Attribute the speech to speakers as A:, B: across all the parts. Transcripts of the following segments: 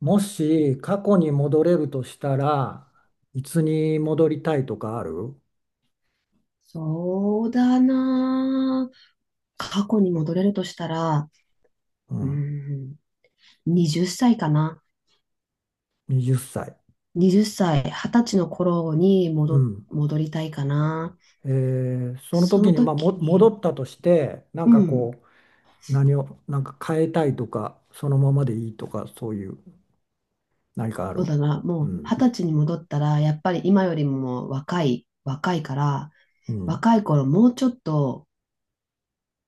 A: もし過去に戻れるとしたら、いつに戻りたいとかある？
B: そうだな。過去に戻れるとしたら、
A: う
B: うー
A: ん。
B: ん、20歳かな。
A: 20歳。
B: 20歳、20歳の頃に
A: うん。
B: 戻りたいかな。
A: その
B: そ
A: 時
B: の
A: に、まあ、
B: 時
A: 戻
B: に、
A: ったとしてなん
B: う
A: か
B: ん、
A: こう何をなんか変えたいとか、そのままでいいとか、そういう何かあ
B: そ
A: る？
B: うだな。も
A: う
B: う
A: ん。
B: 20歳に戻ったら、やっぱり今よりも若いから、
A: うん。
B: 若い頃もうちょっと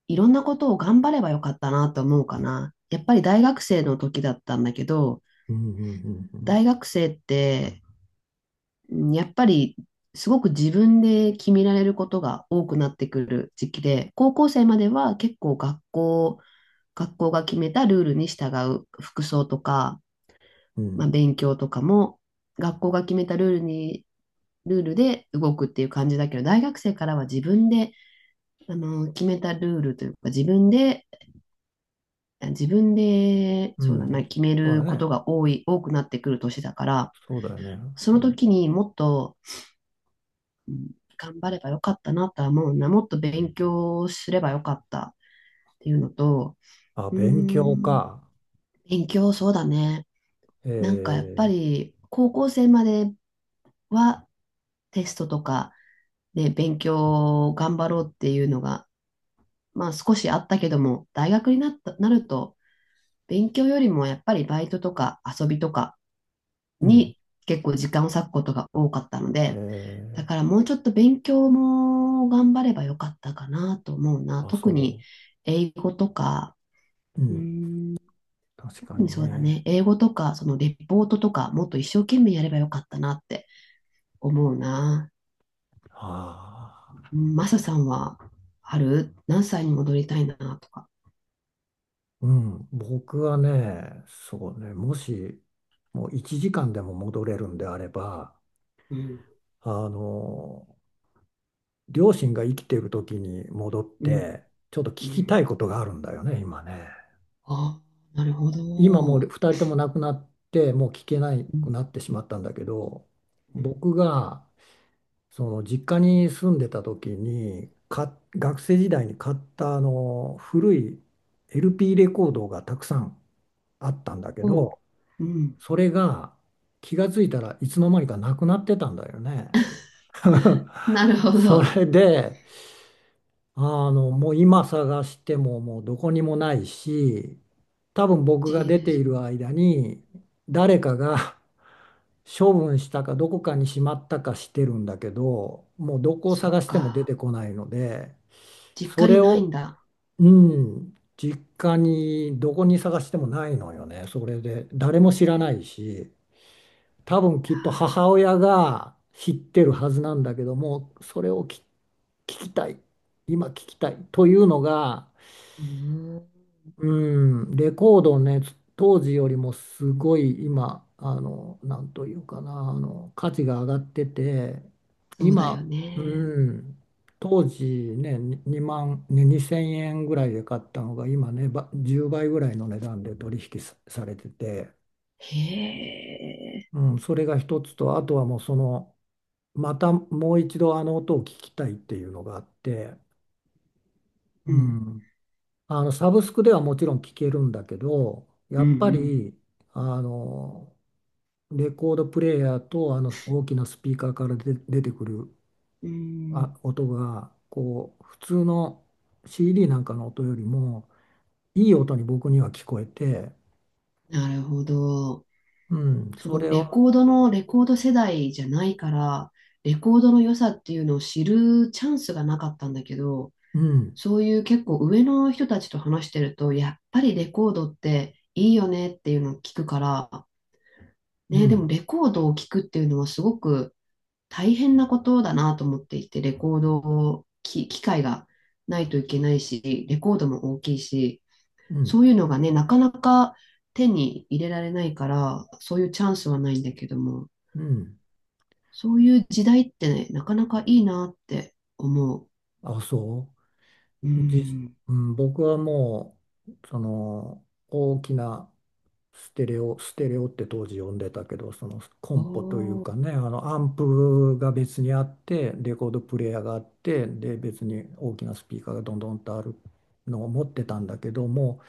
B: いろんなことを頑張ればよかったなと思うかな。やっぱり大学生の時だったんだけど、
A: うん。うん。う
B: 大
A: ん。
B: 学生ってうんやっぱりすごく自分で決められることが多くなってくる時期で、高校生までは結構学校が決めたルールに従う服装とか、
A: うん。う
B: まあ、
A: ん。
B: 勉強とかも学校が決めたルールで動くっていう感じだけど、大学生からは自分で、決めたルールというか、自分で、
A: う
B: そうだな、
A: ん。
B: 決め
A: そうだ
B: ること
A: ね。
B: が多くなってくる年だから、
A: そうだよね。
B: そ
A: う
B: の
A: ん。
B: 時にもっと頑張ればよかったなとは思うな。もっと勉強すればよかったっていうのと、
A: あ、
B: うー
A: 勉強
B: ん、
A: か。
B: 勉強そうだね。
A: え
B: なんかやっぱ
A: ー
B: り高校生まではテストとかで勉強を頑張ろうっていうのが、まあ少しあったけども、大学になった、なると勉強よりもやっぱりバイトとか遊びとか
A: うん。
B: に結構時間を割くことが多かったの
A: え
B: で、だ
A: ー
B: からもうちょっと勉強も頑張ればよかったかなと思うな。
A: あ、
B: 特に
A: そ
B: 英語とか、
A: う。う
B: う
A: ん。
B: ん、
A: 確か
B: 特に
A: に
B: そうだ
A: ね。
B: ね。英語とか、そのレポートとか、もっと一生懸命やればよかったなって思うな。
A: ああ。
B: うん、マサさんはある何歳に戻りたいなとか。
A: うん。僕はね、そうね、もし、もう1時間でも戻れるんであれば、
B: うん、
A: あの、両親が生きている時に戻っ
B: うん、
A: て、ちょっと聞
B: う
A: きた
B: ん。
A: いことがあるんだよね、今ね。
B: あ、なるほ
A: 今もう
B: ど。
A: 2人とも亡くなって、もう聞けな
B: う
A: く
B: ん、
A: なってしまったんだけど、
B: うん、
A: 僕が、その実家に住んでた時に、学生時代に買った古い LP レコードがたくさんあったんだけ
B: おう、
A: ど、
B: うん。
A: それが気がついたらいつの間にかなくなってたんだよね。
B: なるほ
A: そ
B: ど。
A: れで、もう今探してももうどこにもないし、多分僕が出てい
B: う
A: る
B: ん、
A: 間に誰かが 処分したかどこかにしまったかしてるんだけど、もうどこを
B: そっ
A: 探しても出て
B: か。
A: こないので、
B: 実
A: そ
B: 家に
A: れ
B: ないん
A: を、
B: だ。
A: うん、実家にどこに探してもないのよね。それで誰も知らないし。多分きっと
B: い
A: 母
B: や
A: 親が知ってるはずなんだけども、それを聞きたい、今聞きたいというのが、
B: ー、
A: うん、レコードをね、当時よりもすごい今、なんというかな、価値が上がってて、
B: そうだよ
A: 今、う
B: ね。
A: ん、当時ね、に2万、ね、2000円ぐらいで買ったのが、今ね、10倍ぐらいの値段で取引さされてて、
B: へえ。
A: うん、それが一つと、あとはもうその、またもう一度あの音を聞きたいっていうのがあって、う
B: うん。
A: ん、サブスクではもちろん聞けるんだけど、や
B: う
A: っぱ
B: ん
A: りあのレコードプレーヤーと大きなスピーカーから出てくる
B: うん。うん。
A: 音がこう普通の CD なんかの音よりもいい音に僕には聞こえて、
B: なるほど。
A: うん、
B: そ
A: そ
B: の
A: れ
B: レ
A: を、
B: コードのレコード世代じゃないから、レコードの良さっていうのを知るチャンスがなかったんだけど、
A: うん、
B: そういう結構上の人たちと話してると、やっぱりレコードっていいよねっていうのを聞くから、
A: う
B: ね、でも
A: ん、
B: レコードを聞くっていうのはすごく大変なことだなと思っていて、レコードを、機械がないといけないし、レコードも大きいし、
A: う
B: そ
A: ん、
B: ういうのがね、なかなか手に入れられないから、そういうチャンスはないんだけども、
A: うん、
B: そういう時代ってね、なかなかいいなって思う。
A: あ、そ
B: う
A: う。じ、
B: ん。
A: うん、僕はもう、その、大きなステレオ、ステレオって当時呼んでたけど、そのコ
B: お
A: ンポという
B: ー、
A: かね、アンプが別にあって、レコードプレーヤーがあって、で、別に大きなスピーカーがどんどんとあるのを持ってたんだけども、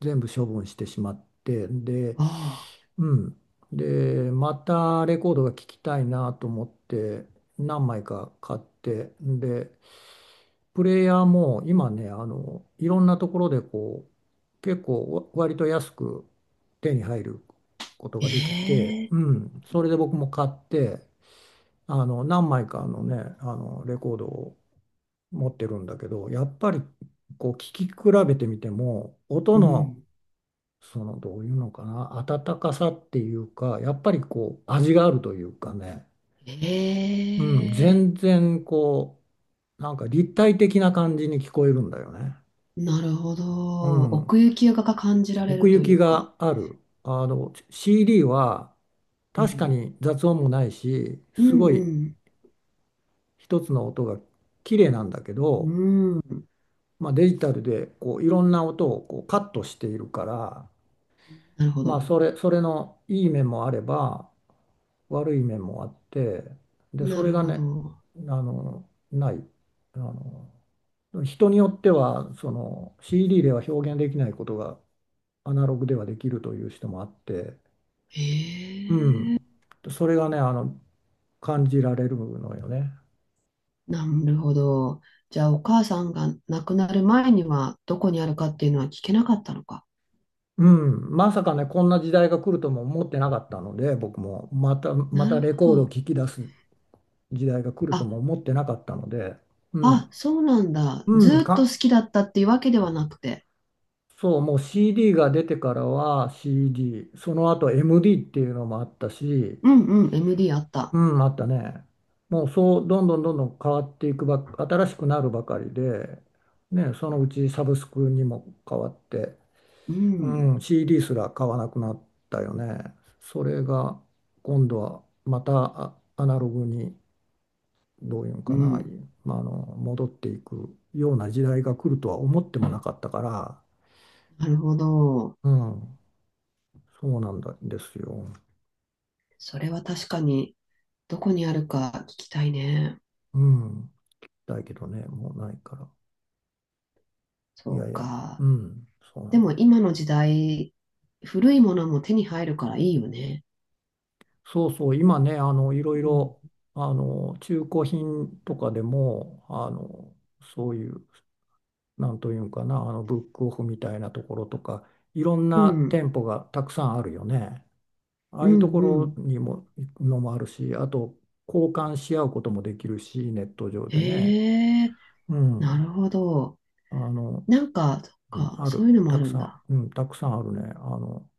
A: 全部処分してしまって、で、
B: ああ、
A: うん。で、またレコードが聴きたいなと思って、何枚か買って、で、プレイヤーも今ね、いろんなところでこう、結構割と安く手に入ることができて、
B: え
A: う
B: え、
A: ん、それで僕も買って、何枚かのね、レコードを持ってるんだけど、やっぱりこう、聞き比べてみても、音
B: う
A: の、
B: ん。
A: その、どういうのかな、温かさっていうか、やっぱりこう、味があるというかね、うん、
B: ええ、
A: 全然こう、なんか立体的な感じに聞こえるんだよね。
B: なるほ
A: う
B: ど。
A: ん、
B: 奥行きが感じられ
A: 奥
B: る
A: 行
B: とい
A: き
B: うか。
A: がある。CD は
B: う
A: 確か
B: ん。
A: に雑音もないし、
B: う
A: す
B: ん
A: ご
B: う
A: い
B: ん。
A: 一つの音が綺麗なんだけ
B: う
A: ど、
B: ん。
A: まあ、デジタルでこういろんな音をこうカットしているから、
B: なるほ
A: まあ、
B: ど。
A: それのいい面もあれば悪い面もあって、で、そ
B: な
A: れ
B: る
A: が
B: ほ
A: ね、
B: ど。
A: ない。あの、人によってはその CD では表現できないことがアナログではできるという人もあって、
B: へ
A: う
B: え、
A: ん。それがね、感じられるのよね。
B: なるほど。じゃあ、お母さんが亡くなる前には、どこにあるかっていうのは聞けなかったのか。
A: うん。まさかね、こんな時代が来るとも思ってなかったので、僕も、ま
B: な
A: た
B: る
A: レ
B: ほ
A: コードを
B: ど。
A: 聴き出す時代が来ると
B: あ、
A: も思ってなかったので、う
B: あ、
A: ん。
B: そうなんだ。
A: うん、
B: ずーっと好きだったっていうわけではなくて。
A: そう、もう CD が出てからは CD、その後 MD っていうのもあったし、
B: うんうん、MD あっ
A: う
B: た。
A: ん、あったね。もうそう、どんどんどんどん変わっていく新しくなるばかりで、ね、そのうちサブスクにも変わって、
B: うん、
A: うん、CD すら買わなくなったよね。それが今度はまたアナログにどういうん
B: う
A: かな、
B: ん。
A: まあ、戻っていくような時代が来るとは思ってもなかったから、
B: なるほど。
A: うん、そうなんだですよ。
B: それは確かに、どこにあるか聞きたいね。
A: うん、だけどね、もうないから。い
B: そ
A: や
B: う
A: いや、
B: か。
A: うん、そうな
B: で
A: ん
B: も、
A: ですよ。
B: 今の時代、古いものも手に入るからいいよね。
A: そうそう、今ね、いろい
B: うん。
A: ろ中古品とかでもそういう。なんというんかな、ブックオフみたいなところとか、いろん
B: う
A: な
B: ん
A: 店舗がたくさんあるよね。あ
B: う
A: あいうと
B: ん
A: こ
B: うん。
A: ろにも、のもあるし、あと交換し合うこともできるし、ネット上でね。
B: へえ、
A: う
B: なる
A: ん。
B: ほど。
A: あの、
B: なんか、そっ
A: うん、
B: か、
A: あ
B: そうい
A: る、
B: うのもあ
A: たく
B: るん
A: さん、
B: だ。
A: うん、たくさんあるね。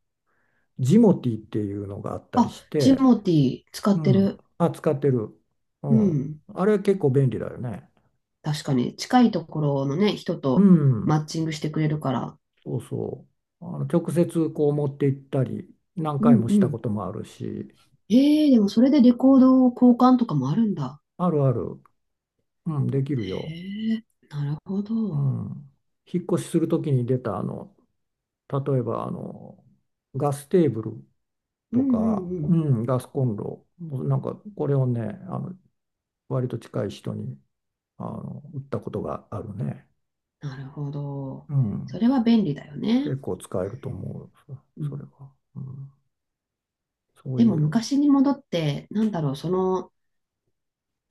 A: ジモティっていうのがあったり
B: あ、
A: し
B: ジ
A: て、
B: モティー使っ
A: う
B: て
A: ん。
B: る。
A: あ、使ってる。う
B: う
A: ん。
B: ん。
A: あれ結構便利だよね。
B: 確かに、近いところのね、人
A: う
B: とマ
A: ん。
B: ッチングしてくれるから。
A: そうそう。直接こう持って行ったり、何
B: う
A: 回
B: ん
A: もし
B: う
A: たこ
B: ん。
A: ともあるし、
B: へえ、でもそれでレコード交換とかもあるんだ。
A: あるある、うん、できるよ。
B: へえ、なるほ
A: う
B: ど。
A: ん。引っ越しするときに出た、例えば、ガステーブル
B: うん
A: と
B: う
A: か、
B: んう
A: う
B: ん。
A: ん、ガスコンロ、なんか、これをね、あの、割と近い人に、売ったことがあるね。
B: なるほど。
A: う
B: そ
A: ん。
B: れは便利だよね。
A: 結構使えると思う、
B: う
A: そ
B: ん、
A: れは。うん。そう
B: で
A: い
B: も
A: う、
B: 昔に戻って、なんだろう、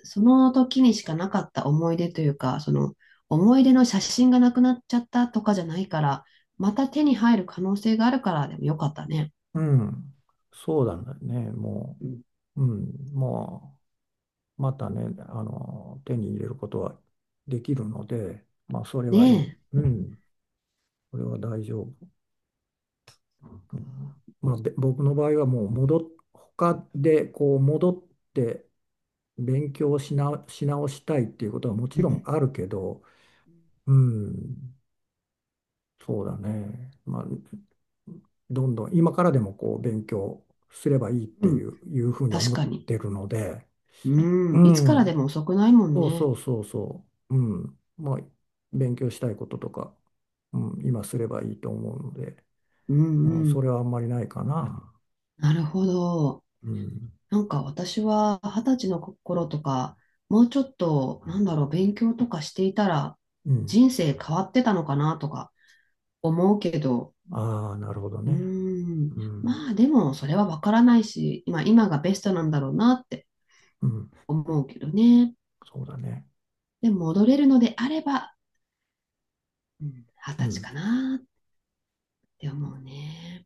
B: その時にしかなかった思い出というか、その思い出の写真がなくなっちゃったとかじゃないから、また手に入る可能性があるから、でもよかったね。
A: うん。そうなんだよね、も
B: うん、
A: う。うん、まあ。またね、手に入れることはできるので、まあ、それはい
B: ね
A: い。うん、これは大丈夫。う
B: え。
A: ん、まあ、で、僕の場合はもう他でこう戻って勉強し直したいっていうことはも
B: う
A: ちろん
B: ん、
A: あるけど、うん、そうだね。まあ、どんどん今からでもこう勉強すればいいっ
B: う
A: てい
B: ん、
A: う、いうふうに
B: 確
A: 思っ
B: かに。
A: てるので、う
B: うん、いつからで
A: ん。
B: も遅くないもん
A: そう
B: ね。
A: そうそうそう。うん。まあ、勉強したいこととか、うん、今すればいいと思うので、
B: うん
A: うん、
B: う
A: そ
B: ん。
A: れはあんまりないかな。
B: なるほど。
A: うん。
B: なんか私は二十歳の頃とか、もうちょっと、なんだろう、勉強とかしていたら、
A: うん。
B: 人生変わってたのかなとか思うけど、
A: ああ、なるほど
B: うー
A: ね。
B: ん。
A: うん。
B: まあでもそれはわからないし、今がベストなんだろうなって
A: うん。
B: 思うけどね。
A: そうだね。
B: でも戻れるのであれば、うん、二
A: う
B: 十歳
A: ん。
B: かなって思うね。